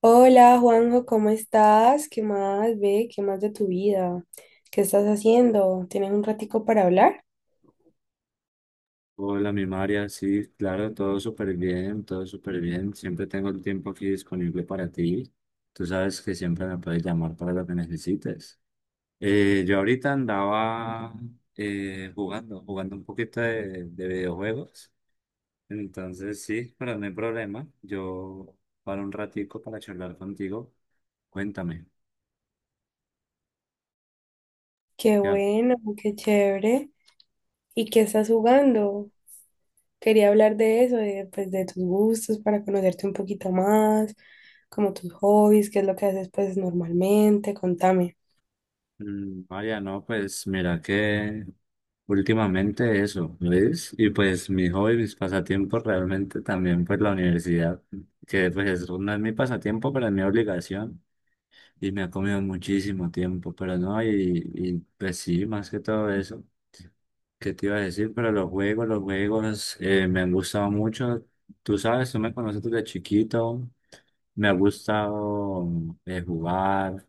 Hola Juanjo, ¿cómo estás? ¿Qué más, ve? ¿Qué más de tu vida? ¿Qué estás haciendo? ¿Tienes un ratico para hablar? Hola, mi María, sí, claro, todo súper bien, todo súper bien. Siempre tengo el tiempo aquí disponible para ti. Tú sabes que siempre me puedes llamar para lo que necesites. Yo ahorita andaba jugando, jugando un poquito de videojuegos. Entonces, sí, pero no hay problema. Yo para un ratico para charlar contigo. Cuéntame. Qué Ya, bueno, qué chévere. ¿Y qué estás jugando? Quería hablar de eso, pues, de tus gustos, para conocerte un poquito más, como tus hobbies, qué es lo que haces pues normalmente, contame. María, no, pues mira que últimamente eso, ¿ves? Y pues mi hobby, mis pasatiempos realmente también pues la universidad, que pues no es mi pasatiempo, pero es mi obligación y me ha comido muchísimo tiempo, pero no, y pues sí, más que todo eso, ¿qué te iba a decir? Pero los juegos me han gustado mucho, tú sabes, tú me conoces desde chiquito, me ha gustado jugar.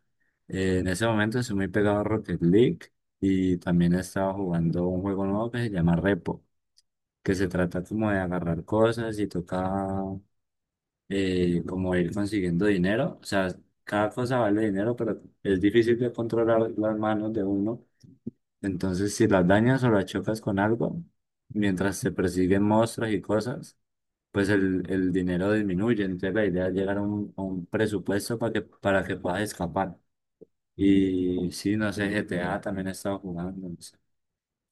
En ese momento soy muy pegado a Rocket League y también he estado jugando un juego nuevo que se llama Repo, que se trata como de agarrar cosas y toca como ir consiguiendo dinero. O sea, cada cosa vale dinero, pero es difícil de controlar las manos de uno. Entonces, si las dañas o las chocas con algo, mientras se persiguen monstruos y cosas pues el dinero disminuye. Entonces la idea es llegar a a un presupuesto para que puedas escapar. Y sí, no sé, GTA también he estado jugando. No sé.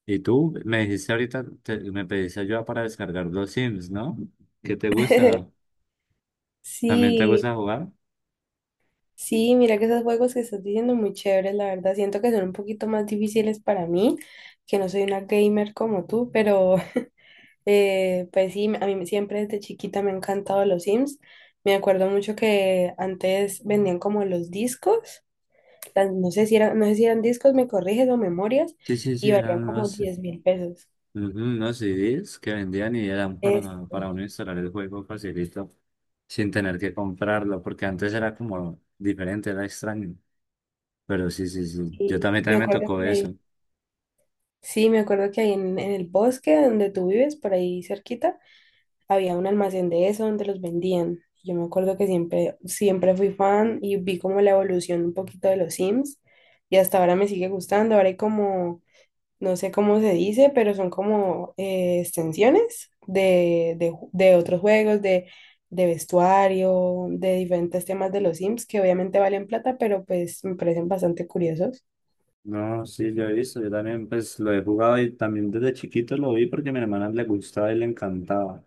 Y tú me dijiste ahorita, me pediste ayuda para descargar los Sims, ¿no? ¿Qué te gusta? ¿También te Sí. gusta jugar? Sí, Mira que esos juegos que estás diciendo muy chéveres, la verdad. Siento que son un poquito más difíciles para mí, que no soy una gamer como tú, pero pues sí, a mí siempre desde chiquita me han encantado los Sims. Me acuerdo mucho que antes vendían como los discos, no sé si eran, no sé si eran discos, me corriges o memorias, Sí, sí, y sí, valían eran como unos, 10.000 pesos. ujú, unos CDs que vendían y eran para Este, uno instalar el juego facilito, sin tener que comprarlo, porque antes era como diferente, era extraño. Pero sí, sí, sí, yo y también, me también me acuerdo tocó que ahí, eso. sí, me acuerdo que ahí en el bosque donde tú vives, por ahí cerquita, había un almacén de eso donde los vendían. Yo me acuerdo que siempre, siempre fui fan y vi como la evolución un poquito de los Sims y hasta ahora me sigue gustando. Ahora hay como, no sé cómo se dice, pero son como extensiones de otros juegos, de vestuario, de diferentes temas de los Sims que obviamente valen plata, pero pues me parecen bastante curiosos. No, sí, yo he visto, yo también pues lo he jugado y también desde chiquito lo vi porque a mi hermana le gustaba y le encantaba.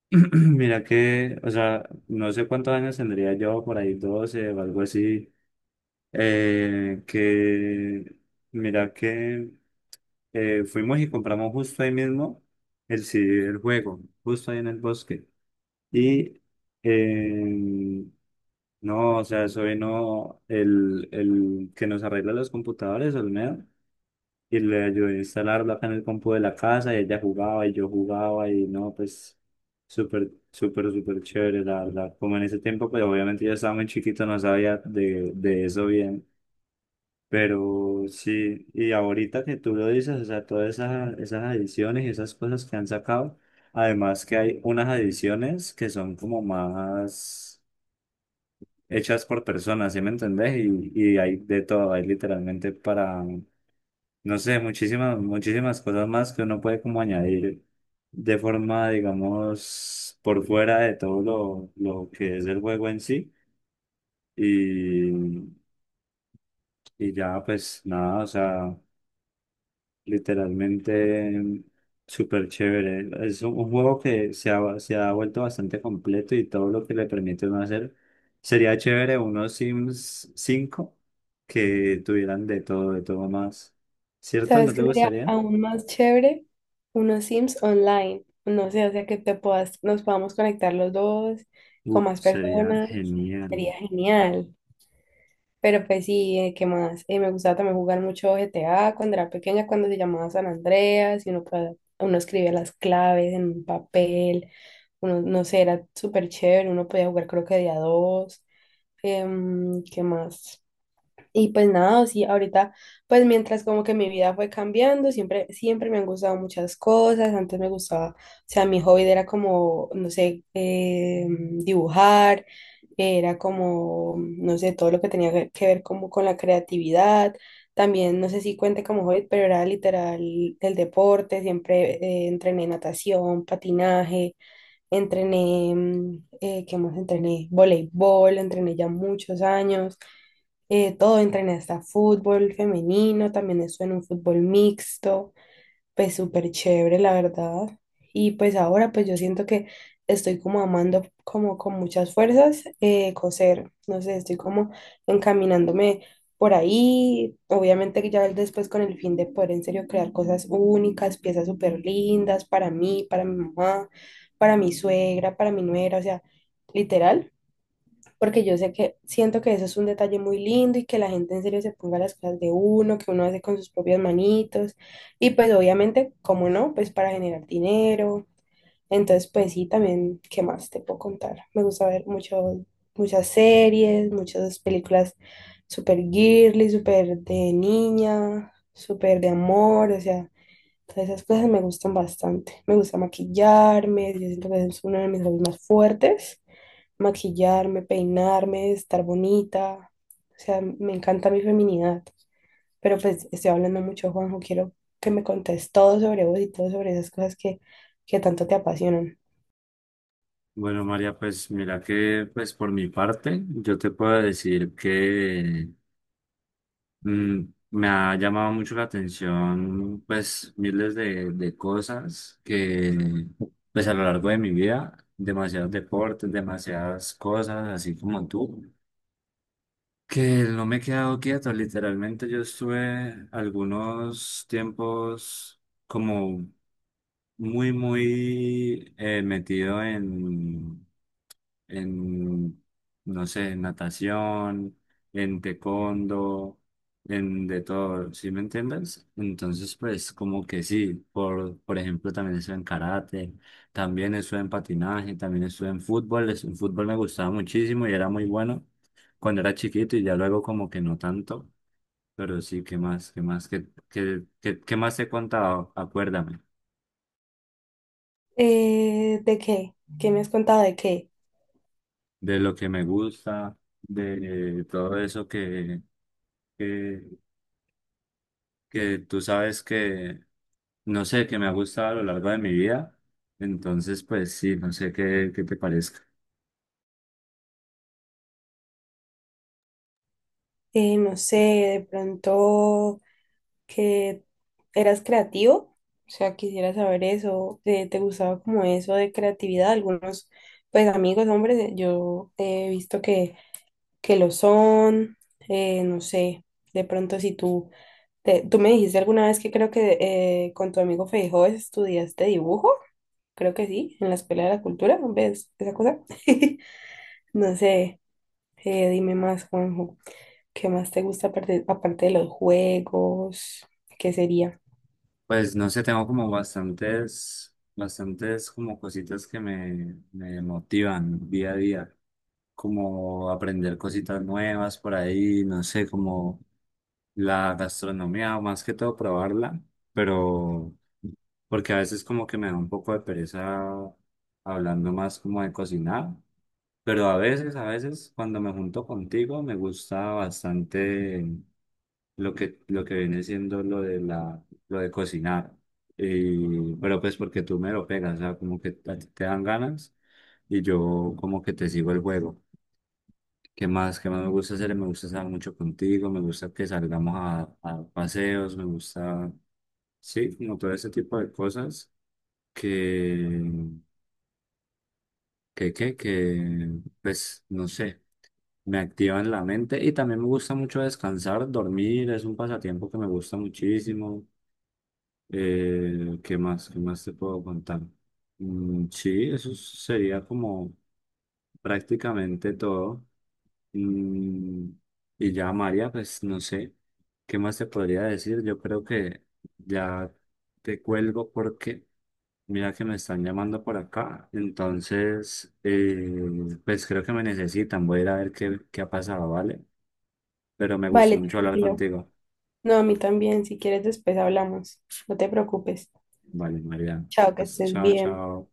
Mira que, o sea, no sé cuántos años tendría yo, por ahí 12 o algo así, que mira que fuimos y compramos justo ahí mismo el CD del juego, justo ahí en el bosque. Y eh, no, o sea, eso vino el que nos arregla los computadores, Olmedo, y le ayudé a instalarlo acá en el compu de la casa y ella jugaba y yo jugaba y no, pues súper, súper, súper chévere, la verdad. Como en ese tiempo, pues obviamente yo estaba muy chiquito, no sabía de eso bien, pero sí, y ahorita que tú lo dices, o sea, todas esas, esas ediciones y esas cosas que han sacado, además que hay unas ediciones que son como más hechas por personas, ¿sí me entendés? Y hay de todo, hay literalmente para no sé, muchísimas, muchísimas cosas más que uno puede como añadir de forma, digamos, por fuera de todo lo que es el juego en sí. Y, y ya, pues nada, o sea, literalmente súper chévere. Es un juego que se ha vuelto bastante completo y todo lo que le permite uno hacer. Sería chévere unos Sims 5 que tuvieran de todo más. ¿Cierto? ¿Sabes ¿No te qué sería gustaría? aún más chévere? Unos Sims online. No sé, o sea, que te puedas, nos podamos conectar los dos con Uf, más sería personas. genial. Sería genial. Pero pues sí, ¿qué más? Me gustaba también jugar mucho GTA cuando era pequeña, cuando se llamaba San Andreas, y uno, uno escribía las claves en un papel. Uno, no sé, era súper chévere. Uno podía jugar creo que de a dos. ¿Qué más? Y pues nada, sí, ahorita, pues mientras como que mi vida fue cambiando, siempre, siempre me han gustado muchas cosas, antes me gustaba, o sea, mi hobby era como, no sé, dibujar, era como, no sé, todo lo que tenía que ver como con la creatividad, también, no sé si cuente como hobby, pero era literal el deporte, siempre entrené natación, patinaje, entrené, ¿qué más entrené? Voleibol, entrené ya muchos años todo entra en esta, fútbol femenino, también eso en un fútbol mixto, pues súper chévere, la verdad. Y pues ahora pues yo siento que estoy como amando como con muchas fuerzas coser, no sé, estoy como encaminándome por ahí, obviamente que ya después con el fin de poder en serio crear cosas únicas, piezas súper lindas para mí, para mi mamá, para mi suegra, para mi nuera, o sea, literal, porque yo sé que siento que eso es un detalle muy lindo y que la gente en serio se ponga las cosas de uno, que uno hace con sus propias manitos y pues obviamente, ¿cómo no? Pues para generar dinero. Entonces, pues sí, también, ¿qué más te puedo contar? Me gusta ver mucho, muchas series, muchas películas súper girly, súper de niña, súper de amor, o sea, entonces, esas cosas me gustan bastante. Me gusta maquillarme, yo siento que es uno de mis hobbies más fuertes. Maquillarme, peinarme, estar bonita. O sea, me encanta mi feminidad. Pero pues estoy hablando mucho, Juanjo. Quiero que me contes todo sobre vos y todo sobre esas cosas que tanto te apasionan. Bueno, María, pues mira que pues por mi parte, yo te puedo decir que mm, me ha llamado mucho la atención pues miles de cosas que pues a lo largo de mi vida, demasiados deportes, demasiadas cosas, así como tú. Que no me he quedado quieto, literalmente yo estuve algunos tiempos como muy, muy metido en, no sé, en natación, en taekwondo, en de todo, ¿sí me entiendes? Entonces, pues como que sí, por ejemplo, también estuve en karate, también estuve en patinaje, también estuve en fútbol, en fútbol me gustaba muchísimo y era muy bueno cuando era chiquito y ya luego como que no tanto, pero sí, ¿qué más? ¿Qué más? ¿Qué, qué, qué, qué más te he contado? Acuérdame ¿De qué? ¿Qué me has contado de qué? de lo que me gusta, de todo eso que, que tú sabes que, no sé, que me ha gustado a lo largo de mi vida. Entonces, pues sí, no sé qué, qué te parezca. No sé, de pronto que eras creativo, o sea, quisiera saber eso, ¿te gustaba como eso de creatividad? Algunos, pues amigos, hombres, yo he visto que lo son, no sé, de pronto si tú, tú me dijiste alguna vez que creo que con tu amigo Feijó estudiaste dibujo, creo que sí, en la Escuela de la Cultura, ¿ves esa cosa? No sé, dime más, Juanjo. ¿Qué más te gusta aparte, aparte de los juegos? ¿Qué sería? Pues no sé, tengo como bastantes, bastantes como cositas que me motivan día a día, como aprender cositas nuevas por ahí, no sé, como la gastronomía, más que todo probarla, pero porque a veces como que me da un poco de pereza hablando más como de cocinar, pero a veces cuando me junto contigo me gusta bastante lo que viene siendo lo de lo de cocinar. Y, pero pues porque tú me lo pegas, o sea, como que a ti te dan ganas y yo como que te sigo el juego. ¿Qué más? ¿Qué más me gusta hacer? Me gusta estar mucho contigo, me gusta que salgamos a paseos, me gusta, sí, como todo ese tipo de cosas que, que, pues, no sé, me activan la mente y también me gusta mucho descansar, dormir, es un pasatiempo que me gusta muchísimo. ¿Qué más? ¿Qué más te puedo contar? Mm, sí, eso sería como prácticamente todo. Mm, y ya, María, pues no sé, ¿qué más te podría decir? Yo creo que ya te cuelgo porque mira que me están llamando por acá. Entonces, pues creo que me necesitan. Voy a ir a ver qué, qué ha pasado, ¿vale? Pero me gustó Vale, mucho hablar tranquilo. contigo. No, a mí también. Si quieres, después hablamos. No te preocupes. Vale, María. Chao, que estés Chao, bien. chao.